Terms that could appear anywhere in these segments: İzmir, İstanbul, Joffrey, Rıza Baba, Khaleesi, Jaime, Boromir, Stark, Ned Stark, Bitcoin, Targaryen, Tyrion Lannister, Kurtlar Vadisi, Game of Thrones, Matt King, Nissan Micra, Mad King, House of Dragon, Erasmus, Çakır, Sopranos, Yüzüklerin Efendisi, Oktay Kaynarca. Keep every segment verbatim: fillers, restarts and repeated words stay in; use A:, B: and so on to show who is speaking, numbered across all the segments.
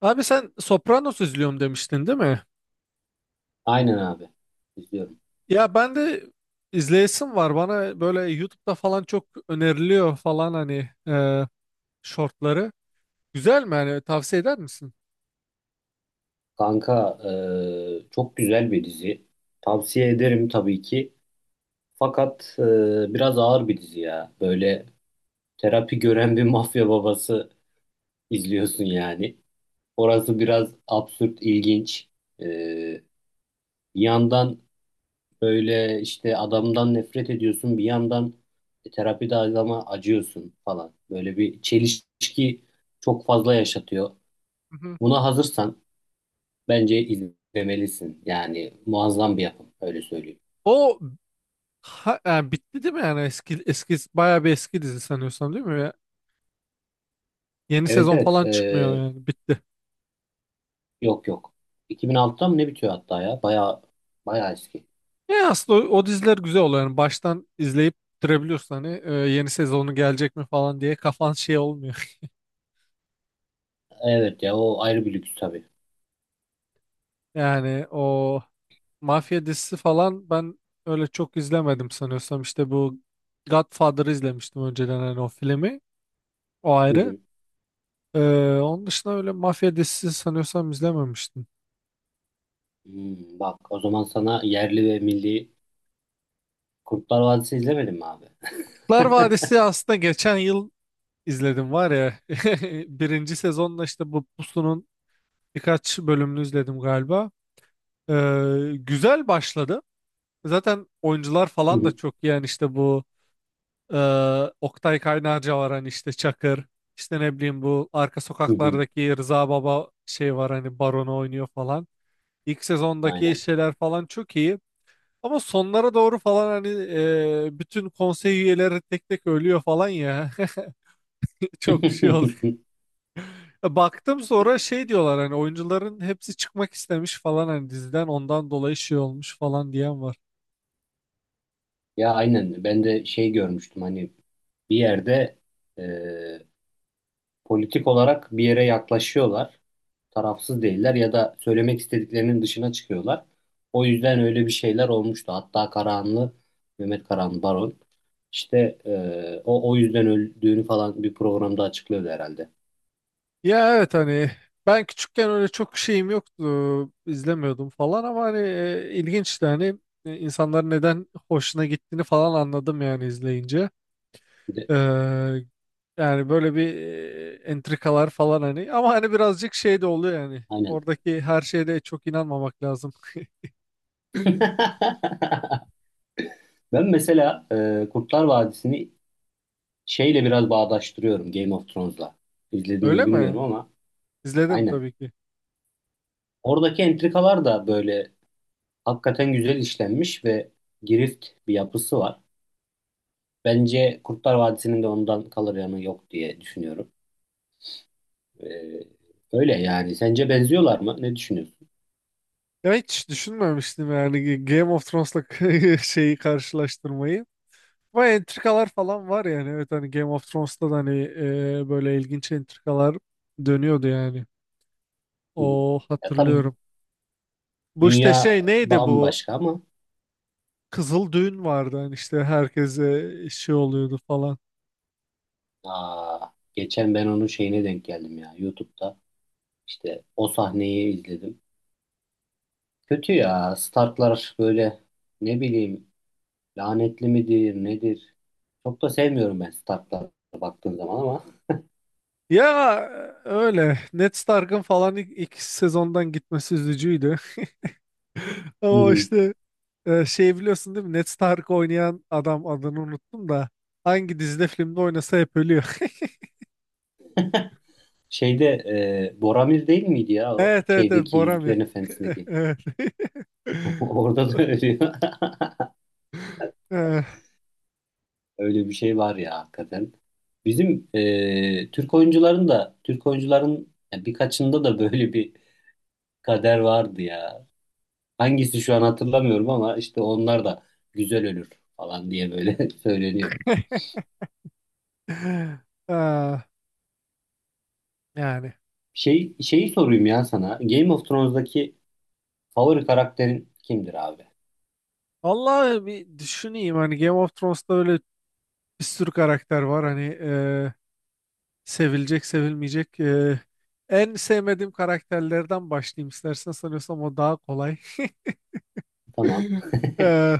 A: Abi sen Sopranos izliyorum demiştin değil mi?
B: Aynen abi. İzliyorum.
A: Ya ben de izleyesim var. Bana böyle YouTube'da falan çok öneriliyor falan hani e, shortları. Güzel mi yani tavsiye eder misin?
B: Kanka e, çok güzel bir dizi. Tavsiye ederim tabii ki. Fakat e, biraz ağır bir dizi ya. Böyle terapi gören bir mafya babası izliyorsun yani. Orası biraz absürt, ilginç. E, Bir yandan böyle işte adamdan nefret ediyorsun. Bir yandan terapide adama acıyorsun falan. Böyle bir çelişki çok fazla yaşatıyor.
A: Hı hı.
B: Buna hazırsan bence izlemelisin. Yani muazzam bir yapım. Öyle söyleyeyim.
A: O ha- yani bitti değil mi yani eski eski bayağı bir eski dizi sanıyorsam değil mi? Ya, yeni
B: Evet
A: sezon
B: evet.
A: falan çıkmıyor
B: Ee,
A: yani bitti.
B: yok yok. iki bin altıda mı ne bitiyor hatta ya? Baya baya eski.
A: Ya aslında o, o diziler güzel oluyor yani baştan izleyip bitirebiliyorsun hani e, yeni sezonu gelecek mi falan diye kafan şey olmuyor.
B: Evet ya o ayrı bir lüks tabii.
A: Yani o mafya dizisi falan ben öyle çok izlemedim sanıyorsam. İşte bu Godfather'ı izlemiştim önceden hani o filmi. O
B: Hı
A: ayrı.
B: hı.
A: Ee, onun dışında öyle mafya dizisi sanıyorsam izlememiştim.
B: Hmm, bak o zaman sana yerli ve milli Kurtlar Vadisi izlemedin mi abi?
A: Kurtlar Vadisi aslında geçen yıl izledim var ya. Birinci sezonla işte bu Pusu'nun birkaç bölümünü izledim galiba. Ee, güzel başladı. Zaten oyuncular
B: Hı
A: falan da
B: hı,
A: çok iyi. Yani işte bu Ee, Oktay Kaynarca var hani işte Çakır. İşte ne bileyim bu arka
B: hı hı.
A: sokaklardaki Rıza Baba şey var hani baronu oynuyor falan. İlk sezondaki
B: Aynen.
A: şeyler falan çok iyi. Ama sonlara doğru falan hani e, bütün konsey üyeleri tek tek ölüyor falan ya. Çok şey oldu. Baktım sonra şey diyorlar hani oyuncuların hepsi çıkmak istemiş falan hani diziden ondan dolayı şey olmuş falan diyen var.
B: Ya aynen. Ben de şey görmüştüm hani bir yerde e, politik olarak bir yere yaklaşıyorlar. Tarafsız değiller ya da söylemek istediklerinin dışına çıkıyorlar. O yüzden öyle bir şeyler olmuştu. Hatta Karahanlı, Mehmet Karahanlı Baron işte e, o o yüzden öldüğünü falan bir programda açıklıyordu herhalde.
A: Ya evet hani ben küçükken öyle çok şeyim yoktu izlemiyordum falan ama hani e, ilginçti hani e, insanların neden hoşuna gittiğini falan anladım yani izleyince.
B: Bir de,
A: Ee, Yani böyle bir e, entrikalar falan hani ama hani birazcık şey de oluyor yani
B: aynen.
A: oradaki her şeye de çok inanmamak lazım.
B: Ben mesela e, Kurtlar Vadisi'ni şeyle biraz bağdaştırıyorum Game of Thrones'la. İzledin mi
A: Öyle
B: bilmiyorum
A: mi?
B: ama
A: İzledim
B: aynen.
A: tabii ki.
B: Oradaki entrikalar da böyle hakikaten güzel işlenmiş ve girift bir yapısı var. Bence Kurtlar Vadisi'nin de ondan kalır yanı yok diye düşünüyorum. Ee, Öyle yani. Sence benziyorlar mı? Ne düşünüyorsun?
A: Ya hiç düşünmemiştim yani Game of Thrones'la şeyi karşılaştırmayı. Ama entrikalar falan var yani. Evet hani Game of Thrones'ta da hani e, böyle ilginç entrikalar dönüyordu yani.
B: Hı hı.
A: O
B: Ya tabii
A: hatırlıyorum. Bu işte
B: dünya
A: şey neydi bu?
B: bambaşka ama
A: Kızıl düğün vardı hani işte herkese şey oluyordu falan.
B: aa, geçen ben onun şeyine denk geldim ya YouTube'da. İşte o sahneyi izledim. Kötü ya. Starklar böyle ne bileyim lanetli midir nedir? Çok da sevmiyorum ben Stark'lara baktığım zaman ama.
A: Ya öyle. Ned Stark'ın falan ilk, ilk sezondan gitmesi üzücüydü.
B: Hı
A: Ama
B: hı.
A: işte e, şey biliyorsun değil mi? Ned Stark oynayan adam adını unuttum da hangi dizide filmde oynasa hep ölüyor.
B: Şeyde e, Boromir değil miydi ya o?
A: Evet evet evet
B: Şeydeki
A: Boromir.
B: Yüzüklerin Efendisi'ndeki. Orada da ölüyor.
A: Evet. Eh,
B: Öyle bir şey var ya hakikaten. Bizim e, Türk oyuncuların da Türk oyuncuların ya birkaçında da böyle bir kader vardı ya. Hangisi şu an hatırlamıyorum ama işte onlar da güzel ölür falan diye böyle söyleniyor.
A: ah, yani.
B: Şey şeyi sorayım ya sana. Game of Thrones'daki favori karakterin kimdir abi?
A: Allah bir düşüneyim hani Game of Thrones'ta böyle bir sürü karakter var hani eh, sevilecek sevilmeyecek eh, en sevmediğim karakterlerden başlayayım istersen sanıyorsam o daha kolay.
B: Tamam.
A: Eh,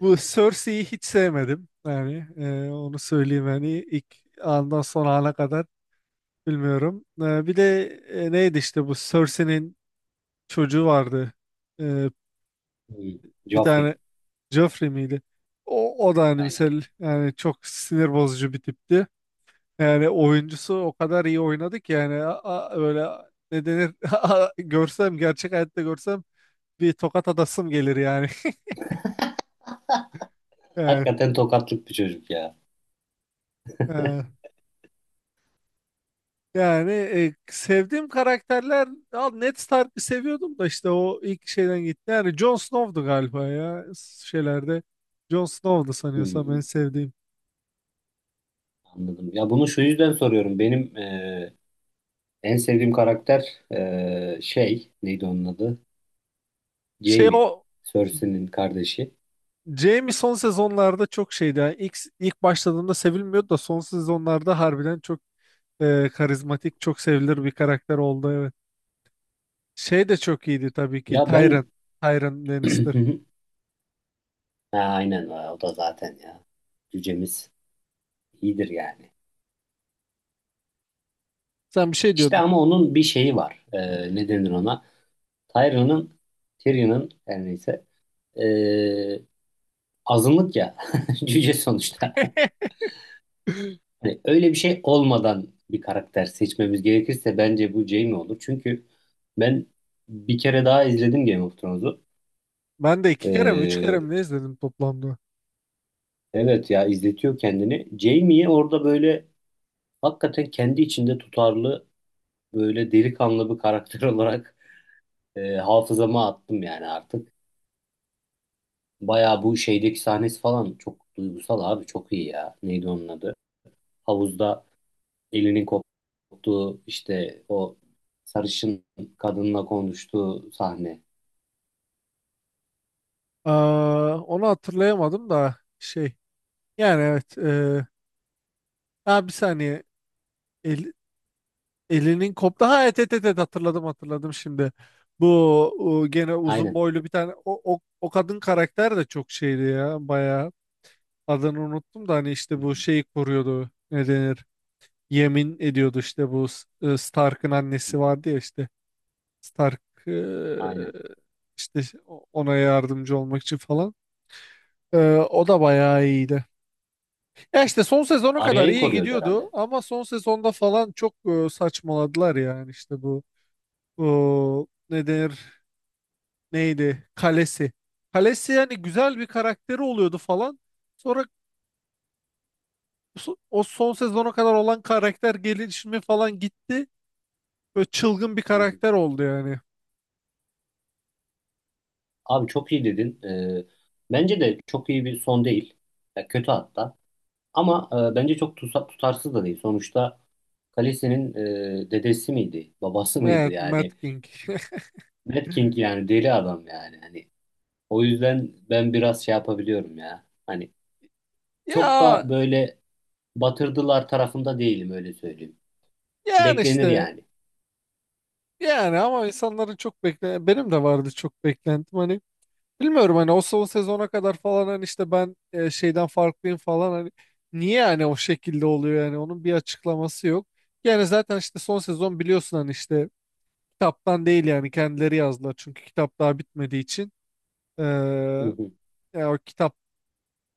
A: Bu Cersei'yi hiç sevmedim yani eh, onu söyleyeyim hani ilk andan son ana kadar. Bilmiyorum. Ee, bir de e, neydi işte bu Cersei'nin çocuğu vardı. Ee,
B: Hmm.
A: Bir
B: Joffrey.
A: tane Joffrey miydi? O, o da hani
B: Aynen.
A: mesela yani çok sinir bozucu bir tipti. Yani oyuncusu o kadar iyi oynadı ki yani a- a- böyle ne denir a- a- görsem gerçek hayatta görsem bir tokat atasım gelir yani. Yani,
B: Hakikaten tokatlık bir çocuk ya.
A: e, Yani e, sevdiğim karakterler al Ned Stark'ı seviyordum da işte o ilk şeyden gitti. Yani Jon Snow'du galiba ya şeylerde. Jon Snow'du sanıyorsam en
B: Hmm,
A: sevdiğim.
B: anladım. Ya bunu şu yüzden soruyorum. Benim e, en sevdiğim karakter eee, şey neydi onun adı?
A: Şey
B: Jaime.
A: o
B: Cersei'nin kardeşi.
A: Jaime son sezonlarda çok şeydi. Yani ilk, ilk başladığında sevilmiyordu da son sezonlarda harbiden çok e, karizmatik, çok sevilir bir karakter oldu evet. Şey de çok iyiydi tabii ki
B: Ya ben
A: Tyrion. Tyrion Lannister.
B: ha, aynen e, o da zaten ya. Cücemiz iyidir yani.
A: Sen bir şey
B: İşte
A: diyordun.
B: ama onun bir şeyi var. Eee ne denir ona? Tyrion'un Tyrion'un her neyse eee, azınlık ya. Cüce sonuçta. Hani öyle bir şey olmadan bir karakter seçmemiz gerekirse bence bu Jaime olur. Çünkü ben bir kere daha izledim Game of Thrones'u.
A: Ben de iki kere mi üç kere
B: Ee,
A: mi ne izledim toplamda?
B: Evet ya izletiyor kendini. Jamie'yi orada böyle hakikaten kendi içinde tutarlı böyle delikanlı bir karakter olarak e, hafızama attım yani artık. Bayağı bu şeydeki sahnesi falan çok duygusal abi çok iyi ya. Neydi onun adı? Havuzda elinin koptuğu işte o sarışın kadınla konuştuğu sahne.
A: Aa, onu hatırlayamadım da şey yani evet e, ha bir saniye El- elinin koptu ha et et et et, hatırladım hatırladım şimdi bu o gene uzun
B: Aynen.
A: boylu bir tane o, o, o kadın karakter de çok şeydi ya bayağı adını unuttum da hani
B: Hı
A: işte bu
B: hı,
A: şeyi koruyordu ne denir yemin ediyordu işte bu S- e, Stark'ın
B: hı
A: annesi
B: hı.
A: vardı ya işte Stark e,
B: Aynen.
A: işte ona yardımcı olmak için falan E, o da bayağı iyiydi. Ya işte son sezona kadar
B: Arya'yı
A: iyi
B: koruyordu
A: gidiyordu
B: herhalde.
A: ama son sezonda falan çok e, saçmaladılar yani işte bu o, ne denir neydi kalesi. Kalesi yani güzel bir karakteri oluyordu falan. Sonra so- o son sezona kadar olan karakter gelişimi falan gitti. Böyle çılgın bir
B: Hı hı.
A: karakter oldu yani.
B: Abi çok iyi dedin. E, bence de çok iyi bir son değil. Ya kötü hatta. Ama e, bence çok tusa- tutarsız da değil. Sonuçta Khaleesi'nin e, dedesi miydi, babası mıydı
A: Evet, Matt
B: yani?
A: King.
B: Mad King yani deli adam yani. Hani o yüzden ben biraz şey yapabiliyorum ya. Hani çok da
A: Ya
B: böyle batırdılar tarafında değilim öyle söyleyeyim.
A: yani
B: Beklenir
A: işte
B: yani.
A: yani ama insanların çok bekle benim de vardı çok beklentim. Hani bilmiyorum hani o son sezona kadar falan hani işte ben e, şeyden farklıyım falan hani niye yani o şekilde oluyor yani onun bir açıklaması yok. Yani zaten işte son sezon biliyorsun hani işte kitaptan değil yani kendileri yazdılar çünkü kitap daha bitmediği için.
B: Hı
A: Ee,
B: hı.
A: Ya o kitap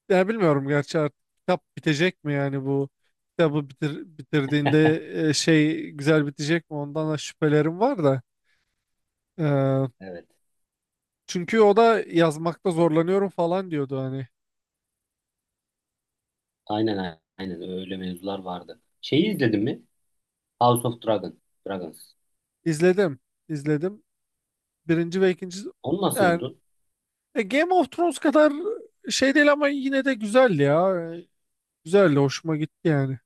A: ya bilmiyorum gerçi artık kitap bitecek mi yani bu kitabı bitir, bitirdiğinde e, şey güzel bitecek mi ondan da şüphelerim var da. Ee,
B: Evet.
A: Çünkü o da yazmakta zorlanıyorum falan diyordu hani
B: Aynen aynen öyle mevzular vardı. Şeyi izledin mi? House of Dragon, Dragons.
A: izledim izledim. Birinci ve ikinci
B: Onu nasıl
A: yani
B: buldun?
A: e, Game of Thrones kadar şey değil ama yine de güzeldi ya. E, Güzeldi, hoşuma gitti yani.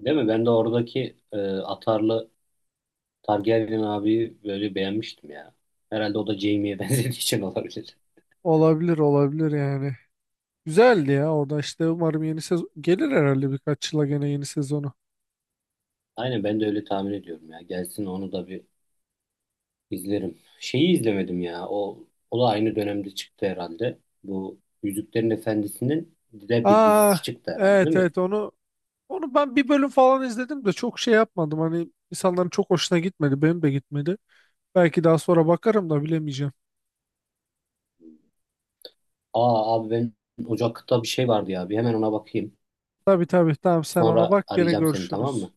B: Değil mi? Ben de oradaki e, atarlı Targaryen abi böyle beğenmiştim ya. Herhalde o da Jaime'ye benzediği için olabilir.
A: Olabilir, olabilir yani. Güzeldi ya. Orada işte umarım yeni sezon gelir herhalde birkaç yıla gene yeni sezonu.
B: Aynen ben de öyle tahmin ediyorum ya. Gelsin onu da bir izlerim. Şeyi izlemedim ya. O, o da aynı dönemde çıktı herhalde. Bu Yüzüklerin Efendisi'nin de bir
A: Aa,
B: dizisi çıktı herhalde değil
A: evet
B: mi?
A: evet onu onu ben bir bölüm falan izledim de çok şey yapmadım. Hani insanların çok hoşuna gitmedi. Benim de gitmedi. Belki daha sonra bakarım da bilemeyeceğim.
B: Aa abi ben Ocak'ta bir şey vardı ya. Bir hemen ona bakayım.
A: Tabii tabii tamam sen ona
B: Sonra
A: bak gene
B: arayacağım seni tamam mı?
A: görüşürüz.